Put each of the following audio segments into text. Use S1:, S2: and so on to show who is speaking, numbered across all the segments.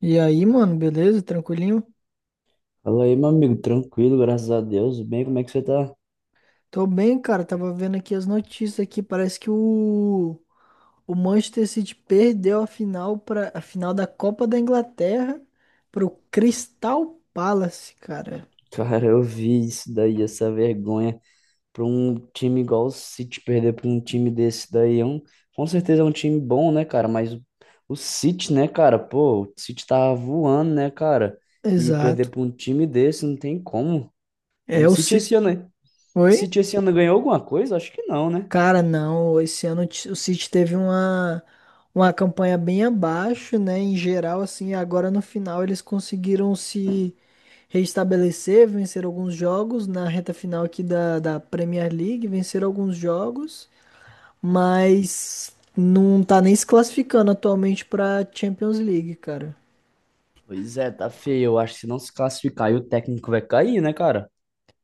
S1: E aí, mano, beleza? Tranquilinho?
S2: Fala aí, meu amigo, tranquilo, graças a Deus. Bem, como é que você tá?
S1: Tô bem, cara. Tava vendo aqui as notícias aqui. Parece que o Manchester City perdeu a final para a final da Copa da Inglaterra pro Crystal Palace, cara.
S2: Cara, eu vi isso daí, essa vergonha pra um time igual o City perder pra um time desse daí. Com certeza é um time bom, né, cara? O City, né, cara? Pô, o City tá voando, né, cara? E perder
S1: Exato.
S2: pra um time desse não tem como. O
S1: É o
S2: City
S1: City.
S2: esse ano, né? O
S1: Oi?
S2: City esse ano ganhou alguma coisa? Acho que não, né?
S1: Cara, não, esse ano o City teve uma campanha bem abaixo, né? Em geral, assim, agora no final eles conseguiram se restabelecer, vencer alguns jogos na reta final aqui da Premier League, venceram alguns jogos, mas não tá nem se classificando atualmente pra Champions League, cara.
S2: Pois é, tá feio. Eu acho que se não se classificar, aí o técnico vai cair, né, cara?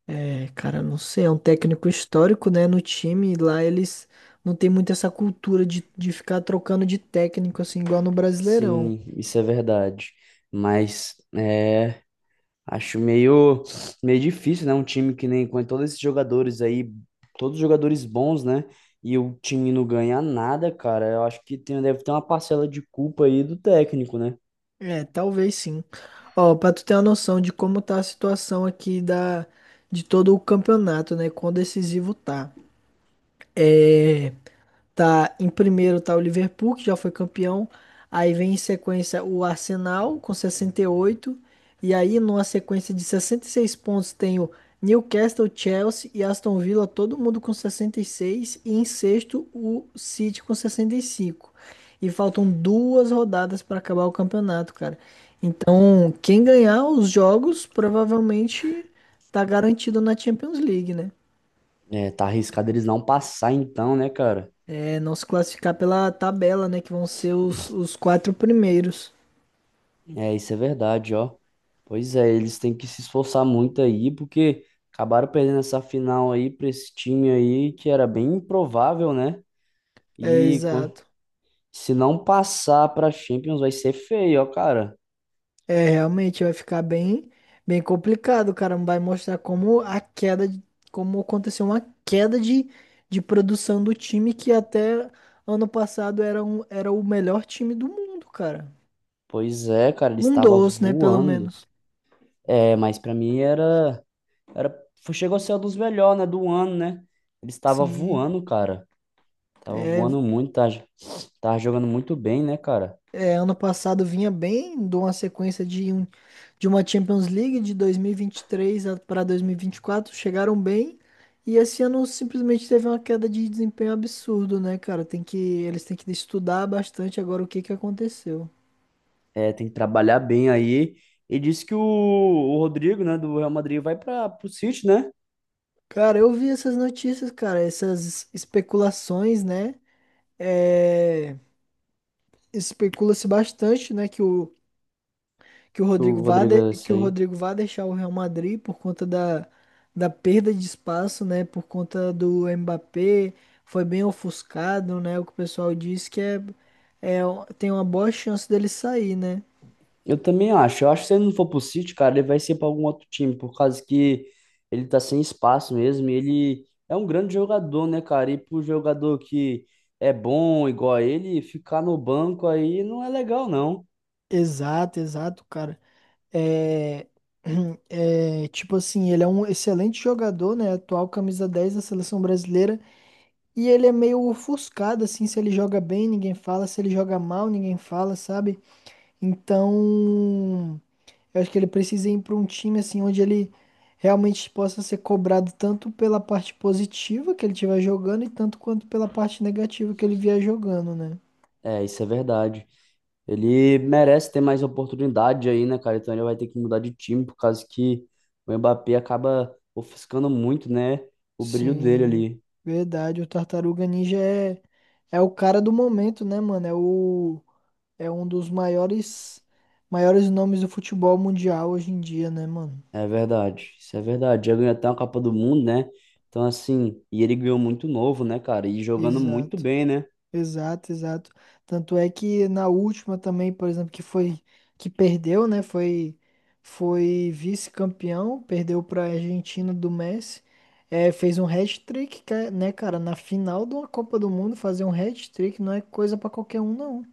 S1: É, cara, não sei, é um técnico histórico, né, no time. Lá eles não tem muito essa cultura de ficar trocando de técnico, assim, igual no Brasileirão.
S2: Sim, isso é verdade. Mas é, acho meio, meio difícil, né? Um time que nem com todos esses jogadores aí, todos jogadores bons, né? E o time não ganha nada, cara. Eu acho que tem, deve ter uma parcela de culpa aí do técnico, né?
S1: É, talvez sim. Ó, pra tu ter uma noção de como tá a situação aqui de todo o campeonato, né? Quão decisivo tá. É, tá, em primeiro tá o Liverpool, que já foi campeão. Aí vem em sequência o Arsenal com 68. E oito. E aí, numa sequência de 66 pontos, tem o Newcastle, Chelsea e Aston Villa, todo mundo com 66. E seis. E em sexto, o City com 65. E cinco. E faltam duas rodadas para acabar o campeonato, cara. Então, quem ganhar os jogos provavelmente tá garantido na Champions League, né?
S2: É, tá arriscado eles não passar então, né, cara?
S1: É não se classificar pela tabela, né? Que vão ser os quatro primeiros.
S2: É, isso é verdade, ó. Pois é, eles têm que se esforçar muito aí, porque acabaram perdendo essa final aí pra esse time aí, que era bem improvável, né?
S1: É,
S2: E com
S1: exato.
S2: Se não passar pra Champions vai ser feio, ó, cara.
S1: É, realmente vai ficar bem, bem complicado, cara. Vai mostrar como aconteceu uma queda de produção do time que até ano passado era o melhor time do mundo, cara.
S2: Pois é, cara, ele
S1: Um
S2: estava
S1: dos, né? Pelo
S2: voando.
S1: menos.
S2: É, mas pra mim era, era, foi- chegou a ser um dos melhores, né, do ano, né? Ele estava
S1: Sim.
S2: voando, cara. Tava
S1: É,
S2: voando muito, tá, tava jogando muito bem, né, cara?
S1: É, ano passado vinha bem, de uma sequência de uma Champions League de dois mil e vinte e três para dois mil e vinte e quatro. Chegaram bem. E esse ano simplesmente teve uma queda de desempenho absurdo, né, cara? Eles têm que estudar bastante agora o que que aconteceu.
S2: É, tem que trabalhar bem aí. E disse que o Rodrigo, né, do Real Madrid vai para pro City, né?
S1: Cara, eu vi essas notícias, cara, essas especulações, né? É, especula-se bastante, né, que o
S2: Que o
S1: Rodrigo vá
S2: Rodrigo
S1: de-
S2: é
S1: que
S2: esse
S1: o
S2: aí.
S1: Rodrigo vá deixar o Real Madrid por conta da perda de espaço, né? Por conta do Mbappé, foi bem ofuscado, né? O que o pessoal diz que é, é tem uma boa chance dele sair, né?
S2: Eu também acho. Eu acho que se ele não for pro City, cara, ele vai ser para algum outro time, por causa que ele tá sem espaço mesmo. E ele é um grande jogador, né, cara? E pro jogador que é bom igual a ele, ficar no banco aí não é legal, não.
S1: Exato, exato, cara. É, É, tipo assim, ele é um excelente jogador, né? Atual camisa 10 da seleção brasileira. E ele é meio ofuscado, assim. Se ele joga bem, ninguém fala. Se ele joga mal, ninguém fala, sabe? Então, eu acho que ele precisa ir para um time assim onde ele realmente possa ser cobrado tanto pela parte positiva que ele estiver jogando e tanto quanto pela parte negativa que ele vier jogando, né?
S2: É, isso é verdade. Ele merece ter mais oportunidade aí, né, cara? Então ele vai ter que mudar de time, por causa que o Mbappé acaba ofuscando muito, né, o brilho dele
S1: Sim,
S2: ali.
S1: verdade. O Tartaruga Ninja é o cara do momento, né, mano? É um dos maiores nomes do futebol mundial hoje em dia, né, mano?
S2: É verdade, isso é verdade. Já ganhou até uma Copa do Mundo, né? Então, assim, e ele ganhou muito novo, né, cara? E jogando muito
S1: Exato.
S2: bem, né?
S1: Exato, exato. Tanto é que na última também, por exemplo, que foi que perdeu, né? Foi vice-campeão, perdeu para a Argentina do Messi. É, fez um hat-trick, né, cara? Na final de uma Copa do Mundo, fazer um hat-trick não é coisa para qualquer um, não.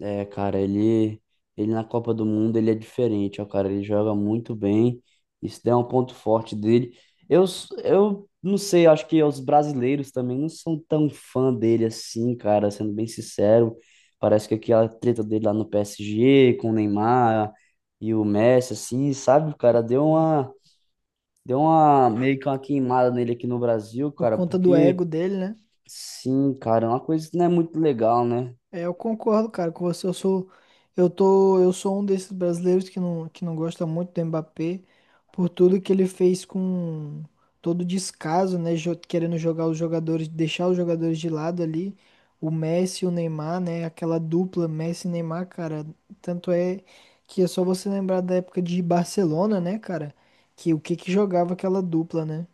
S2: É, cara, ele, ele na Copa do Mundo, ele é diferente, ó, cara. Ele joga muito bem. Isso daí é um ponto forte dele. Eu não sei, acho que os brasileiros também não são tão fã dele assim, cara, sendo bem sincero. Parece que aquela treta dele lá no PSG com o Neymar e o Messi, assim, sabe, cara, Deu uma meio que uma queimada nele aqui no Brasil,
S1: Por
S2: cara,
S1: conta do
S2: porque
S1: ego dele, né?
S2: sim, cara, é uma coisa que não é muito legal, né?
S1: É, eu concordo, cara, com você. Eu sou um desses brasileiros que não gosta muito do Mbappé por tudo que ele fez com todo o descaso, né? Querendo jogar os jogadores, deixar os jogadores de lado ali. O Messi e o Neymar, né? Aquela dupla Messi e Neymar, cara. Tanto é que é só você lembrar da época de Barcelona, né, cara? Que o que que jogava aquela dupla, né?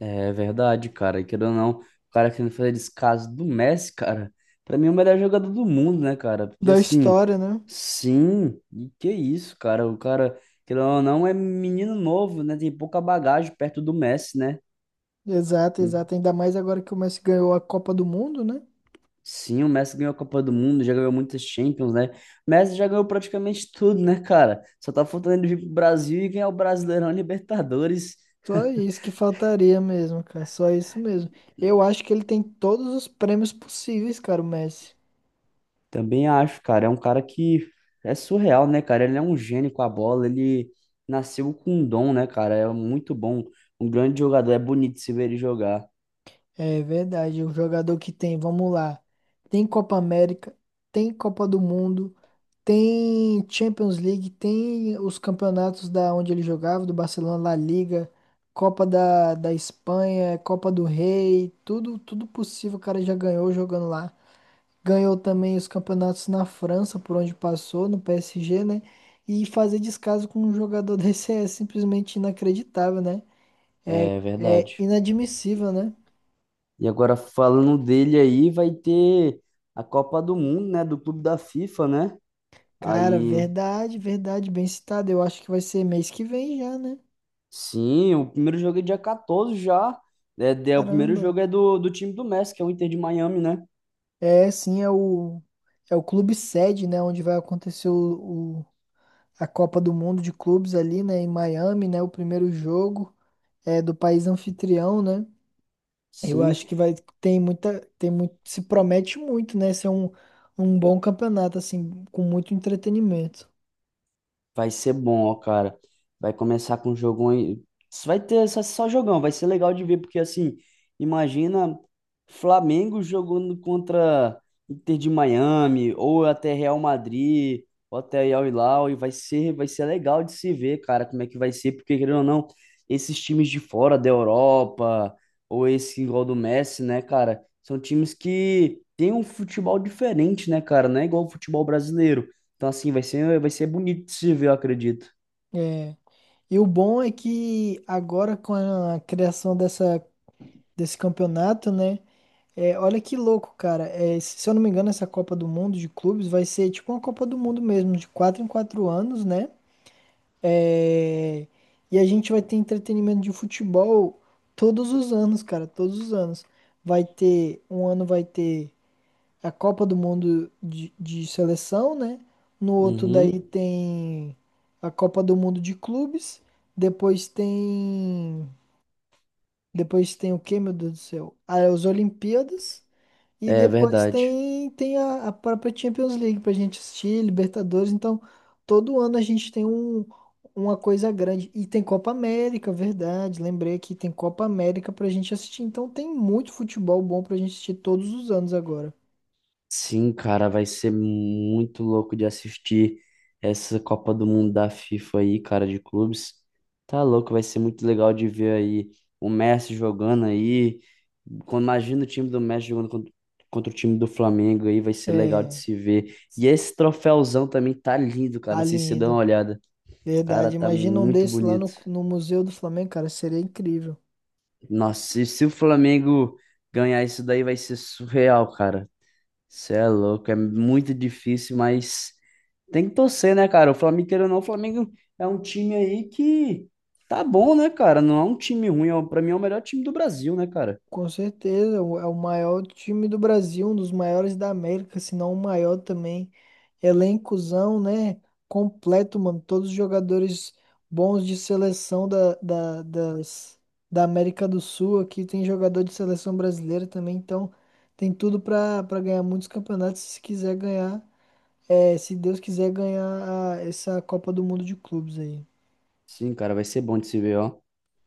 S2: É verdade, cara. E querendo ou não, o cara querendo fazer descaso do Messi, cara, pra mim é o melhor jogador do mundo, né, cara? Porque
S1: Da
S2: assim,
S1: história, né?
S2: sim, e que isso, cara? O cara, querendo ou não, é menino novo, né? Tem pouca bagagem perto do Messi, né?
S1: Exato, exato. Ainda mais agora que o Messi ganhou a Copa do Mundo, né?
S2: Sim, o Messi ganhou a Copa do Mundo, já ganhou muitas Champions, né? O Messi já ganhou praticamente tudo, né, cara? Só tá faltando ele vir pro Brasil e ganhar o Brasileirão e Libertadores.
S1: Só isso que faltaria mesmo, cara. Só isso mesmo. Eu acho que ele tem todos os prêmios possíveis, cara, o Messi.
S2: Também acho, cara, é um cara que é surreal, né, cara? Ele é um gênio com a bola, ele nasceu com um dom, né, cara? É muito bom, um grande jogador, é bonito se ver ele jogar.
S1: É verdade. O jogador que tem, vamos lá. Tem Copa América, tem Copa do Mundo, tem Champions League, tem os campeonatos da onde ele jogava, do Barcelona, La Liga, Copa da Espanha, Copa do Rei, tudo, tudo possível o cara já ganhou jogando lá. Ganhou também os campeonatos na França, por onde passou, no PSG, né? E fazer descaso com um jogador desse é simplesmente inacreditável, né? É,
S2: É
S1: é
S2: verdade.
S1: inadmissível, né?
S2: E agora falando dele aí, vai ter a Copa do Mundo, né, do Clube da FIFA, né?
S1: Cara,
S2: Aí
S1: verdade, verdade, bem citado. Eu acho que vai ser mês que vem já, né?
S2: Sim, o primeiro jogo é dia 14 já. É, é, o primeiro
S1: Caramba.
S2: jogo é do, do time do Messi, que é o Inter de Miami, né?
S1: É, sim, é o clube sede, né? Onde vai acontecer a Copa do Mundo de Clubes ali, né? Em Miami, né? O primeiro jogo é do país anfitrião, né? Eu
S2: Sim.
S1: acho que vai tem muita tem muito se promete muito, né? Ser um bom campeonato assim, com muito entretenimento.
S2: Vai ser bom, ó, cara. Vai começar com um jogão aí. Só jogão, vai ser legal de ver, porque assim, imagina Flamengo jogando contra Inter de Miami, ou até Real Madrid, ou até Al Hilal, e vai ser legal de se ver, cara, como é que vai ser, porque querendo ou não, esses times de fora da Europa, ou esse igual do Messi, né, cara, são times que têm um futebol diferente, né, cara, não é igual o futebol brasileiro. Então, assim, vai ser bonito de se ver, eu acredito.
S1: É. E o bom é que agora com a criação dessa desse campeonato, né? É, olha que louco, cara. É, se eu não me engano, essa Copa do Mundo de clubes vai ser tipo uma Copa do Mundo mesmo, de quatro em quatro anos, né? É, e a gente vai ter entretenimento de futebol todos os anos, cara, todos os anos. Um ano vai ter a Copa do Mundo de seleção, né? No outro daí
S2: Uhum.
S1: tem a Copa do Mundo de clubes. Depois tem. Depois tem o quê, meu Deus do céu? Ah, é as Olimpíadas. E
S2: É
S1: depois
S2: verdade.
S1: tem a própria Champions League pra gente assistir, Libertadores. Então, todo ano a gente tem uma coisa grande. E tem Copa América, verdade. Lembrei que tem Copa América pra gente assistir. Então, tem muito futebol bom pra gente assistir todos os anos agora.
S2: Sim, cara, vai ser muito louco de assistir essa Copa do Mundo da FIFA aí, cara, de clubes. Tá louco, vai ser muito legal de ver aí o Messi jogando aí. Imagina o time do Messi jogando contra o time do Flamengo aí, vai ser legal de
S1: É.
S2: se ver. E esse troféuzão também tá lindo, cara.
S1: Tá
S2: Não sei se você dá uma
S1: lindo.
S2: olhada. Cara,
S1: Verdade.
S2: tá
S1: Imagina um
S2: muito
S1: desse lá no,
S2: bonito.
S1: no Museu do Flamengo, cara. Seria incrível.
S2: Nossa, e se o Flamengo ganhar isso daí vai ser surreal, cara. Você é louco, é muito difícil, mas tem que torcer, né, cara? O Flamengo, querendo ou não, o Flamengo é um time aí que tá bom, né, cara? Não é um time ruim, pra mim é o melhor time do Brasil, né, cara?
S1: Com certeza. É o maior time do Brasil, um dos maiores da América, se não o maior também. Elencozão, né? Completo, mano. Todos os jogadores bons de seleção da América do Sul. Aqui tem jogador de seleção brasileira também. Então, tem tudo pra ganhar muitos campeonatos se quiser ganhar. É, se Deus quiser ganhar essa Copa do Mundo de Clubes aí.
S2: Sim, cara, vai ser bom de se ver, ó.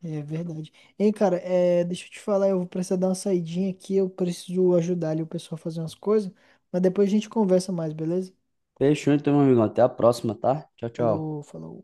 S1: É verdade. Hein, cara, é, deixa eu te falar, eu vou precisar dar uma saidinha aqui, eu preciso ajudar ali o pessoal a fazer umas coisas, mas depois a gente conversa mais, beleza?
S2: Fechou então, meu amigo. Até a próxima, tá? Tchau, tchau.
S1: Falou, falou.